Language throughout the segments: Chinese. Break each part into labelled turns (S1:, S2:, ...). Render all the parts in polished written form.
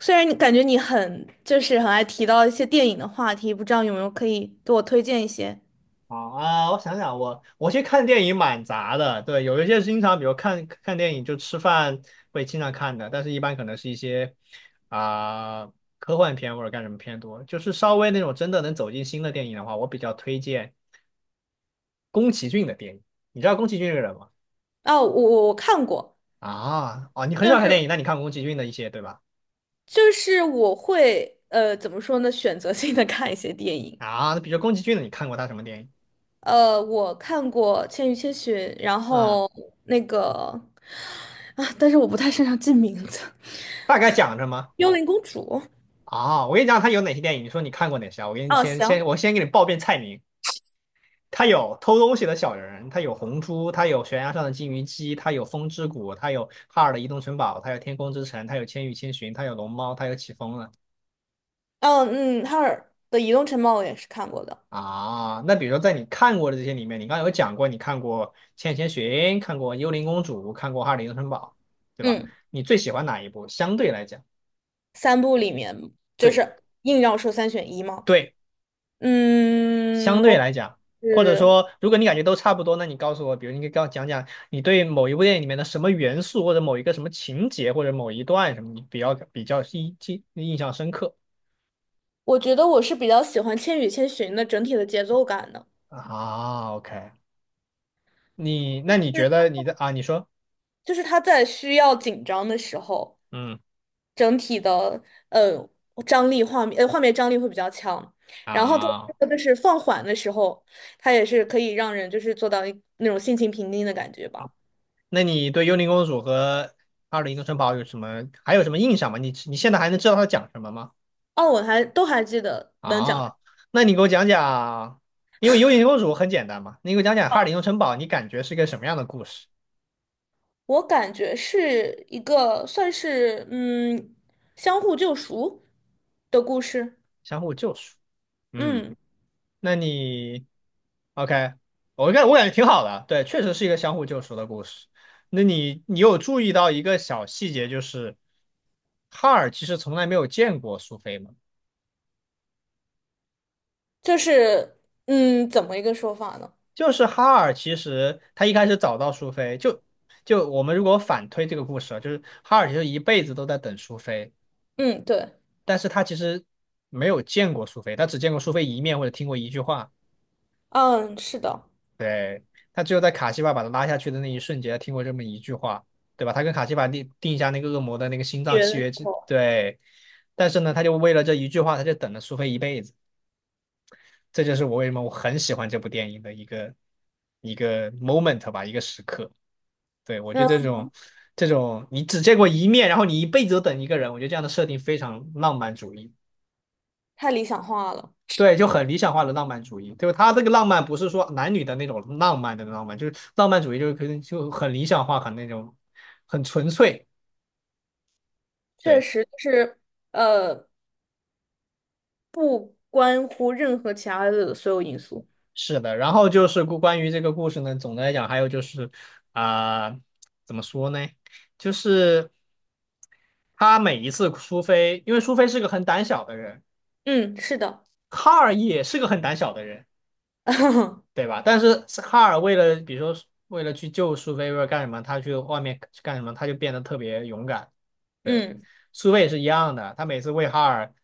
S1: 虽然你感觉你很就是很爱提到一些电影的话题，不知道有没有可以给我推荐一些？
S2: 好啊，我想想，我去看电影蛮杂的，对。有一些经常，比如看看电影就吃饭会经常看的，但是一般可能是一些啊、科幻片或者干什么片多，就是稍微那种真的能走进新的电影的话，我比较推荐宫崎骏的电影。你知道宫崎骏这个人吗？
S1: 哦，我看过。
S2: 啊，哦，你很
S1: 就
S2: 少看
S1: 是
S2: 电影，那你看过宫崎骏的一些对吧？
S1: 就是我会怎么说呢，选择性的看一些电影。
S2: 啊，那比如宫崎骏的，你看过他什么电影？
S1: 我看过《千与千寻》，然
S2: 嗯，
S1: 后那个啊，但是我不太擅长记名字，
S2: 大概讲什么？
S1: 《幽灵公主》。
S2: 啊，我跟你讲他有哪些电影，你说你看过哪些啊？我给你
S1: 哦，
S2: 先
S1: 行。
S2: 先我先给你报遍菜名。它有偷东西的小人，它有红猪，它有悬崖上的金鱼姬，它有风之谷，它有哈尔的移动城堡，它有天空之城，它有千与千寻，它有龙猫，它有起风了。
S1: 哦，嗯，哈尔的《移动城堡》我也是看过的。
S2: 啊。那比如说在你看过的这些里面，你刚刚有讲过，你看过千与千寻，看过幽灵公主，看过哈尔的移动城堡，对吧？
S1: 嗯，
S2: 你最喜欢哪一部？相对来讲，
S1: 三部里面就
S2: 对，
S1: 是硬要说三选一吗？
S2: 对。相
S1: 嗯，
S2: 对来讲，或者
S1: 是
S2: 说，如果你感觉都差不多，那你告诉我，比如你可以跟我讲讲你对某一部电影里面的什么元素，或者某一个什么情节，或者某一段什么，你比较印象深刻。
S1: 我觉得我是比较喜欢《千与千寻》的整体的节奏感的。
S2: 啊？OK。你那
S1: 就
S2: 你觉
S1: 是
S2: 得你的啊？你说，
S1: 他在需要紧张的时候，
S2: 嗯。
S1: 整体的呃张力画面呃画面张力会比较强。然后它
S2: 啊，
S1: 就是放缓的时候，他也是可以让人就是做到一那种心情平静的感觉吧。
S2: 那你对《幽灵公主》和《二零一城堡》有什么还有什么印象吗？你你现在还能知道它讲什么吗？
S1: 哦，我还都还记得能讲。
S2: 啊，那你给我讲讲，因为《幽灵公主》很简单嘛，你给我讲讲《哈尔的移动城堡》，你感觉是个什么样的故事？
S1: 我感觉是一个算是相互救赎的故事。
S2: 相互救赎。嗯。
S1: 嗯。
S2: 那你 OK,我感觉挺好的，对，确实是一个相互救赎的故事。那你你有注意到一个小细节，就是哈尔其实从来没有见过苏菲吗？
S1: 就是怎么一个说法呢？
S2: 就是哈尔其实他一开始找到苏菲，就就我们如果反推这个故事啊，就是哈尔其实一辈子都在等苏菲，
S1: 嗯，对。
S2: 但是他其实没有见过苏菲，他只见过苏菲一面或者听过一句话。
S1: 嗯，是的。
S2: 对，他只有在卡西法把他拉下去的那一瞬间，听过这么一句话，对吧？他跟卡西法定下那个恶魔的那个心脏
S1: 学
S2: 契
S1: 的时
S2: 约之，
S1: 候，
S2: 对。但是呢，他就为了这一句话，他就等了苏菲一辈子。这就是我为什么我很喜欢这部电影的一个moment 吧，一个时刻。对，我觉得这
S1: 那
S2: 种这种你只见过一面，然后你一辈子都等一个人，我觉得这样的设定非常浪漫主义。
S1: 太理想化了。
S2: 对，就很理想化的浪漫主义，就是他这个浪漫不是说男女的那种浪漫的浪漫，就是浪漫主义就是可能就很理想化，很那种很纯粹。
S1: 确
S2: 对，
S1: 实就是呃，不关乎任何其他的所有因素。
S2: 是的。然后就是关于这个故事呢，总的来讲，还有就是啊、怎么说呢？就是他每一次苏菲，因为苏菲是个很胆小的人，
S1: 嗯，是的。
S2: 卡尔也是个很胆小的人，对吧？但是哈尔为了，比如说为了去救苏菲，为了干什么，他去外面去干什么，他就变得特别勇敢。对，
S1: 嗯
S2: 苏菲也是一样的，他每次为哈尔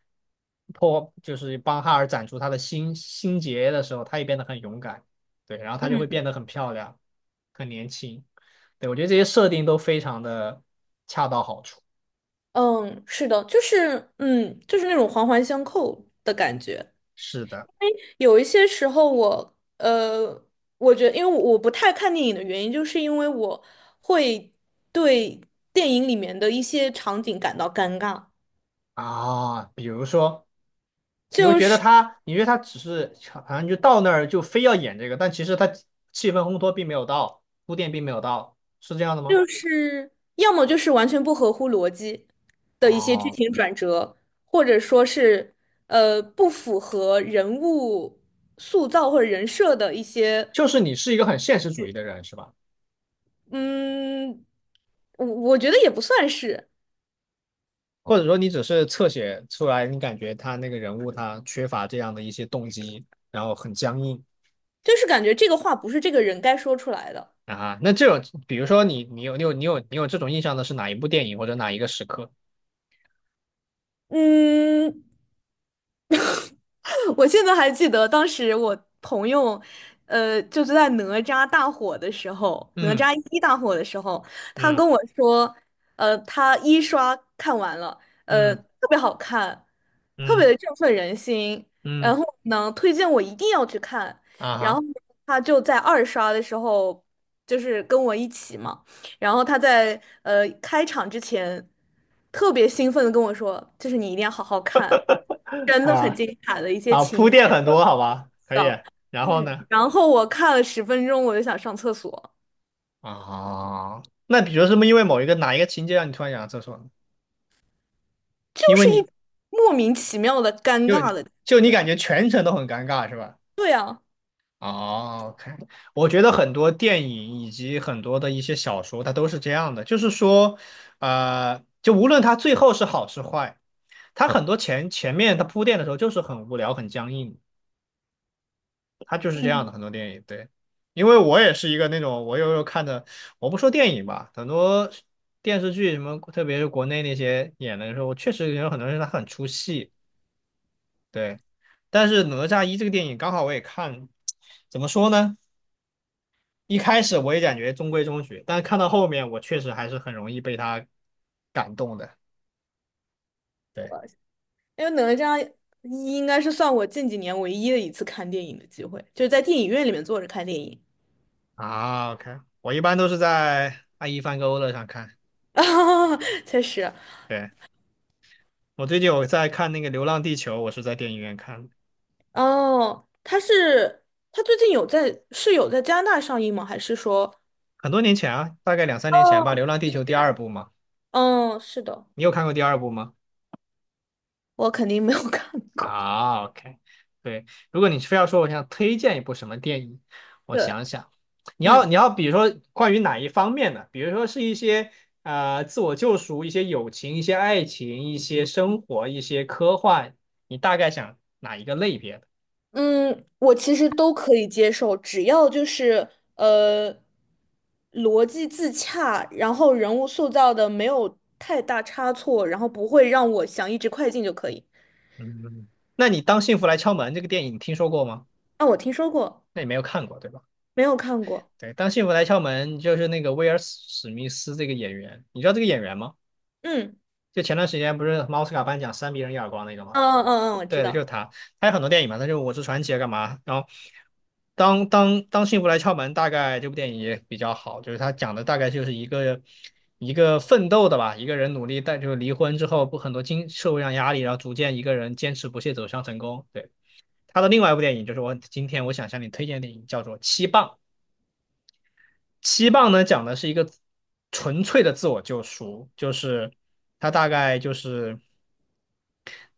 S2: 就是帮哈尔斩除他的心结的时候，他也变得很勇敢。对，然后他就会变
S1: 嗯。
S2: 得很漂亮，很年轻。对，我觉得这些设定都非常的恰到好处。
S1: 嗯，是的，就是那种环环相扣的感觉。
S2: 是的。
S1: 有一些时候我，我觉得，因为我不太看电影的原因，就是因为我会对电影里面的一些场景感到尴尬。
S2: 啊，比如说。你会
S1: 就
S2: 觉得
S1: 是
S2: 他，你觉得他只是好像就到那儿就非要演这个，但其实他气氛烘托并没有到，铺垫并没有到，是这样的吗？
S1: 就是要么就是完全不合乎逻辑的一些剧
S2: 哦，
S1: 情转折，或者说是不符合人物塑造或者人设的一些。
S2: 就是你是一个很现实主义的人，是吧？
S1: 嗯，我觉得也不算是。
S2: 或者说你只是侧写出来，你感觉他那个人物他缺乏这样的一些动机，然后很僵硬。
S1: 就是感觉这个话不是这个人该说出来的。
S2: 啊。那这种，比如说你有这种印象的是哪一部电影或者哪一个时刻？
S1: 嗯。我现在还记得当时我朋友，就是在哪吒大火的时候，哪
S2: 嗯。
S1: 吒一大火的时候，他
S2: 嗯。
S1: 跟我说。他一刷看完了，
S2: 嗯。
S1: 特别好看，特
S2: 嗯。
S1: 别的振奋人心。然
S2: 嗯。
S1: 后呢，推荐我一定要去看。
S2: 啊
S1: 然后
S2: 哈。
S1: 他就在二刷的时候，就是跟我一起嘛。然后他在开场之前特别兴奋的跟我说，就是你一定要好好看，真的很
S2: 啊。
S1: 精彩的一些
S2: 啊，
S1: 情
S2: 铺垫
S1: 节
S2: 很多，好吧，可以。
S1: 的。
S2: 然后呢？
S1: 然后我看了10分钟，我就想上厕所。
S2: 啊，那比如是不是因为某一个哪一个情节让你突然想到厕所呢？
S1: 就
S2: 因为
S1: 是一
S2: 你，
S1: 莫名其妙的尴
S2: 就
S1: 尬的感
S2: 就
S1: 觉
S2: 你感
S1: 啊。
S2: 觉全程都很尴尬是吧？
S1: 对啊。
S2: 哦，OK,我觉得很多电影以及很多的一些小说，它都是这样的，就是说，就无论它最后是好是坏，它很多前面它铺垫的时候就是很无聊、很僵硬它就是这
S1: 嗯，
S2: 样的，很多电影，对。因为我也是一个那种，我有时候看的，我不说电影吧，很多电视剧什么，特别是国内那些演的时候，我确实有很多人他很出戏，对。但是《哪吒一》这个电影刚好我也看，怎么说呢？一开始我也感觉中规中矩，但是看到后面，我确实还是很容易被他感动的。对。
S1: 我因为哪吒一应该是算我近几年唯一的一次看电影的机会，就是在电影院里面坐着看电影。
S2: 啊，OK,我一般都是在爱一帆跟欧乐上看。
S1: 确实。
S2: 对，我最近有在看那个《流浪地球》，我是在电影院看的。
S1: 哦，他最近有在加拿大上映吗？还是说，
S2: 很多年前啊，大概2、3年前
S1: 哦，
S2: 吧，《流浪地球》第二
S1: 天。
S2: 部嘛，
S1: 嗯，是的。
S2: 你有看过第二部吗？
S1: 我肯定没有 看过。
S2: 啊，OK,对。如果你非要说我想推荐一部什么电影，我
S1: 对。
S2: 想想，你要
S1: 嗯，
S2: 你要比如说关于哪一方面的，比如说是一些自我救赎、一些友情、一些爱情、一些生活、一些科幻，你大概想哪一个类别的？
S1: 嗯，我其实都可以接受，只要就是呃逻辑自洽，然后人物塑造的没有太大差错，然后不会让我想一直快进就可以。
S2: 嗯，那你《当幸福来敲门》这个电影你听说过吗？
S1: 啊，我听说过。
S2: 那你没有看过对吧？
S1: 没有看过。
S2: 对，当幸福来敲门就是那个威尔史密斯这个演员，你知道这个演员吗？
S1: 嗯。
S2: 就前段时间不是奥斯卡颁奖扇别人一耳光那个吗？
S1: 嗯嗯嗯，我知
S2: 对的，就是
S1: 道。
S2: 他，他有很多电影嘛，他就《我是传奇》啊，干嘛？然后当幸福来敲门，大概这部电影也比较好，就是他讲的大概就是一个奋斗的吧，一个人努力，但就是离婚之后不很多经社会上压力，然后逐渐一个人坚持不懈走向成功。对，他的另外一部电影就是我今天我想向你推荐的电影，叫做《七磅》。七磅呢讲的是一个纯粹的自我救赎，就是他大概就是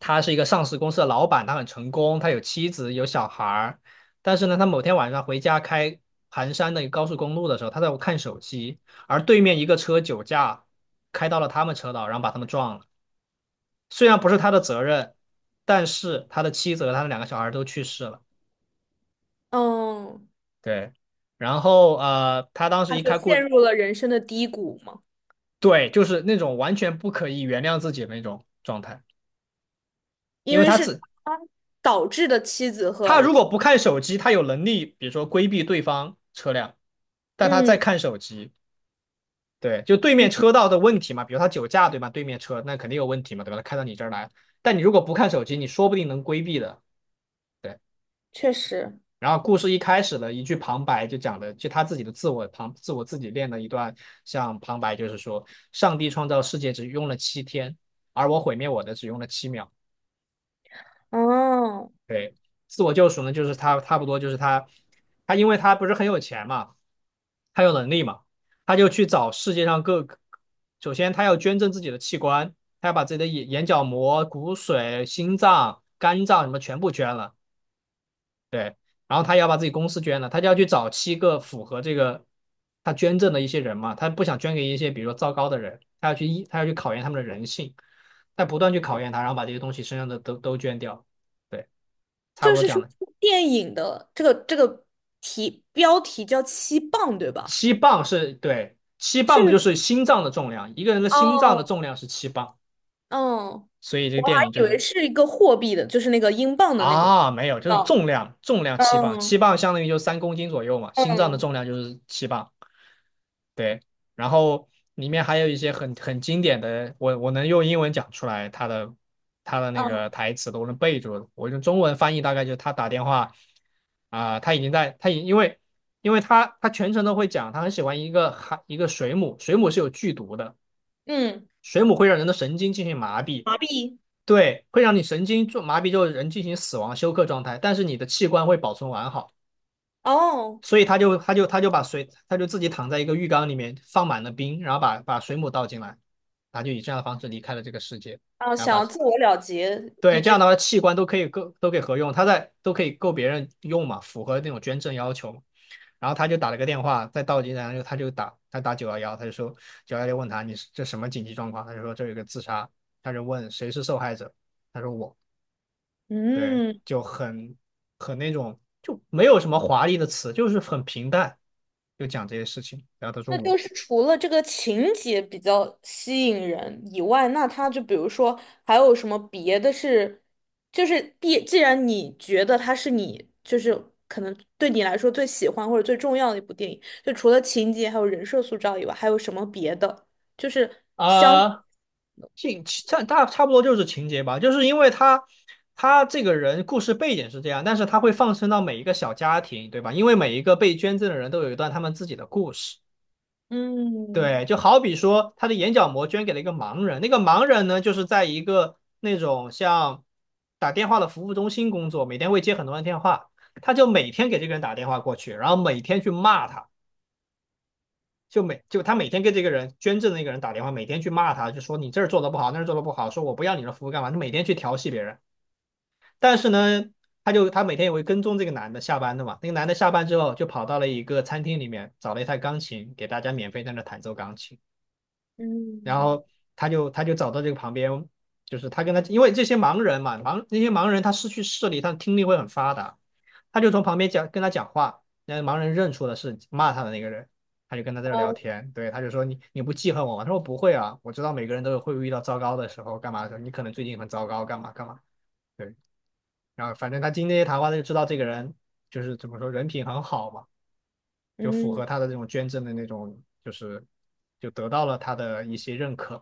S2: 他是一个上市公司的老板，他很成功，他有妻子有小孩儿，但是呢，他某天晚上回家开盘山的一个高速公路的时候，他在看手机，而对面一个车酒驾开到了他们车道，然后把他们撞了。虽然不是他的责任，但是他的妻子和他的2个小孩都去世了。
S1: 嗯，
S2: 对。然后他当时
S1: 他
S2: 一
S1: 就
S2: 开故
S1: 陷入了人生的低谷嘛。
S2: 对，就是那种完全不可以原谅自己的那种状态，因
S1: 因
S2: 为
S1: 为是他导致的妻子和
S2: 他
S1: 儿
S2: 如
S1: 子。
S2: 果不看手机，他有能力，比如说规避对方车辆，但他在
S1: 嗯
S2: 看手机，对，就对面
S1: 嗯。
S2: 车道的问题嘛，比如他酒驾，对吧？对面车那肯定有问题嘛，对吧？他开到你这儿来，但你如果不看手机，你说不定能规避的。对，
S1: 确实。
S2: 然后故事一开始的一句旁白就讲的，就他自己的自我旁自我自己练的一段，像旁白就是说，上帝创造世界只用了7天，而我毁灭我的只用了7秒。
S1: 哦，
S2: 对，自我救赎呢，就是他差不多就是他因为他不是很有钱嘛，他有能力嘛，他就去找世界上各个首先他要捐赠自己的器官，他要把自己的眼角膜、骨髓、心脏、肝脏什么全部捐了，对，然后他要把自己公司捐了，他就要去找七个符合这个他捐赠的一些人嘛，他不想捐给一些比如说糟糕的人，他要去考验他们的人性，他不断去考验他，然后把这些东西身上的都捐掉，对，差
S1: 就
S2: 不多
S1: 是
S2: 这样
S1: 说，
S2: 的。
S1: 电影的这个标题叫"七磅"，对吧？
S2: 七磅是，对，七磅的就
S1: 是。
S2: 是心脏的重量，一个人的心脏
S1: 哦，
S2: 的重量是七磅，
S1: 哦，
S2: 所以这个
S1: 还
S2: 电影就
S1: 以为
S2: 是。
S1: 是一个货币的，就是那个英镑的那个。
S2: 啊，没有，就是
S1: 哦，
S2: 重量，重量七磅，七
S1: 嗯
S2: 磅相当于就3公斤左右嘛，心脏的
S1: 嗯
S2: 重量就是七磅。对，然后里面还有一些很经典的，我能用英文讲出来他的那个
S1: 嗯
S2: 台词都能背住，我用中文翻译大概就是他打电话啊，他已经在他已因为他全程都会讲，他很喜欢一个水母，水母是有剧毒的，
S1: 嗯。
S2: 水母会让人的神经进行麻痹，
S1: 麻痹。
S2: 对，会让你神经做麻痹之后，就是人进行死亡休克状态，但是你的器官会保存完好，
S1: 哦。
S2: 所以他就把水，他就自己躺在一个浴缸里面放满了冰，然后把水母倒进来，他就以这样的方式离开了这个世界，
S1: 啊，
S2: 然后
S1: 想
S2: 把
S1: 要自我了结，
S2: 对，
S1: 以
S2: 这样
S1: 致
S2: 的话器官都可以够都可以合用，他在都可以够别人用嘛，符合那种捐赠要求。然后他就打了个电话，在进来，然后他打九幺幺，他就说九幺幺问他你是这什么紧急状况，他就说这有一个自杀，他就问谁是受害者，他说我。对，
S1: 嗯。
S2: 就很那种，就没有什么华丽的词，就是很平淡，就讲这些事情。然后他说
S1: 那就
S2: 我。
S1: 是除了这个情节比较吸引人以外，那它就比如说还有什么别的是。就是既然你觉得它是你就是可能对你来说最喜欢或者最重要的一部电影，就除了情节还有人设塑造以外，还有什么别的？就是
S2: 啊，情差大差不多就是情节吧，就是因为他这个人故事背景是这样，但是他会放生到每一个小家庭，对吧？因为每一个被捐赠的人都有一段他们自己的故事，对，
S1: 嗯
S2: 就好比说，他的眼角膜捐给了一个盲人，那个盲人呢，就是在一个那种像打电话的服务中心工作，每天会接很多人电话，他就每天给这个人打电话过去，然后每天去骂他，就每就他每天给这个人捐赠的那个人打电话，每天去骂他，就说你这儿做的不好，那儿做的不好，说我不要你的服务干嘛？他每天去调戏别人，但是呢，他就他每天也会跟踪这个男的下班的嘛，那个男的下班之后就跑到了一个餐厅里面，找了一台钢琴，给大家免费在那弹奏钢琴。然
S1: 嗯。
S2: 后他就他就找到这个旁边，就是他跟他，因为这些盲人嘛，那些盲人他失去视力，他听力会很发达，他就从旁边讲跟他讲话，那盲人认出了是骂他的那个人，他就跟他在这聊天，对，他就说你不记恨我吗？他说不会啊，我知道每个人都有会遇到糟糕的时候，干嘛的时候，你可能最近很糟糕，干嘛干嘛，对，然后反正他经那些谈话，他就知道这个人就是怎么说人品很好嘛，就符
S1: 嗯
S2: 合他的这种捐赠的那种，就是就得到了他的一些认可。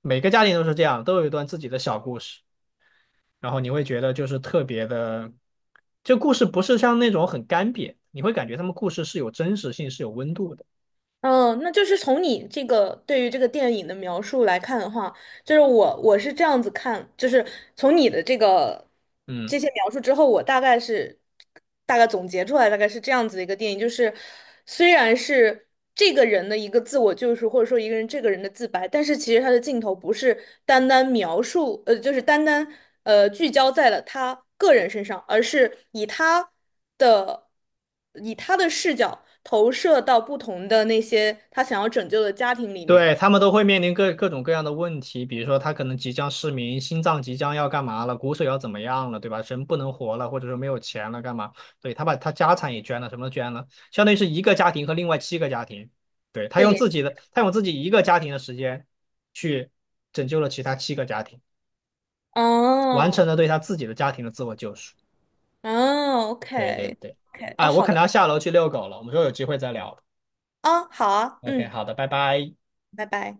S2: 每个家庭都是这样，都有一段自己的小故事，然后你会觉得就是特别的，这故事不是像那种很干瘪，你会感觉他们故事是有真实性，是有温度的。
S1: 嗯，那就是从你这个对于这个电影的描述来看的话。就是我是这样子看，就是从你的这个
S2: 嗯，
S1: 这些描述之后，我大概总结出来，大概是这样子的一个电影。就是虽然是这个人的一个自我救赎，或者说一个人这个人的自白，但是其实他的镜头不是单单描述，就是单单聚焦在了他个人身上，而是以的他的视角投射到不同的那些他想要拯救的家庭里面
S2: 对，他们都会面临各种各样的问题，比如说他可能即将失明，心脏即将要干嘛了，骨髓要怎么样了，对吧？人不能活了，或者说没有钱了，干嘛？对，他把他家产也捐了，什么都捐了，相当于是一个家庭和另外七个家庭，对，
S1: 的联系。
S2: 他用自己一个家庭的时间去拯救了其他七个家庭。完成
S1: 哦，
S2: 了对他自己的家庭的自我救赎。
S1: 哦
S2: 对对对，
S1: ，OK，OK，哦，
S2: 哎，我
S1: 好
S2: 可
S1: 的。
S2: 能要下楼去遛狗了，我们说有机会再聊。
S1: 啊，好啊。
S2: OK，
S1: 嗯，
S2: 好的，拜拜。
S1: 拜拜。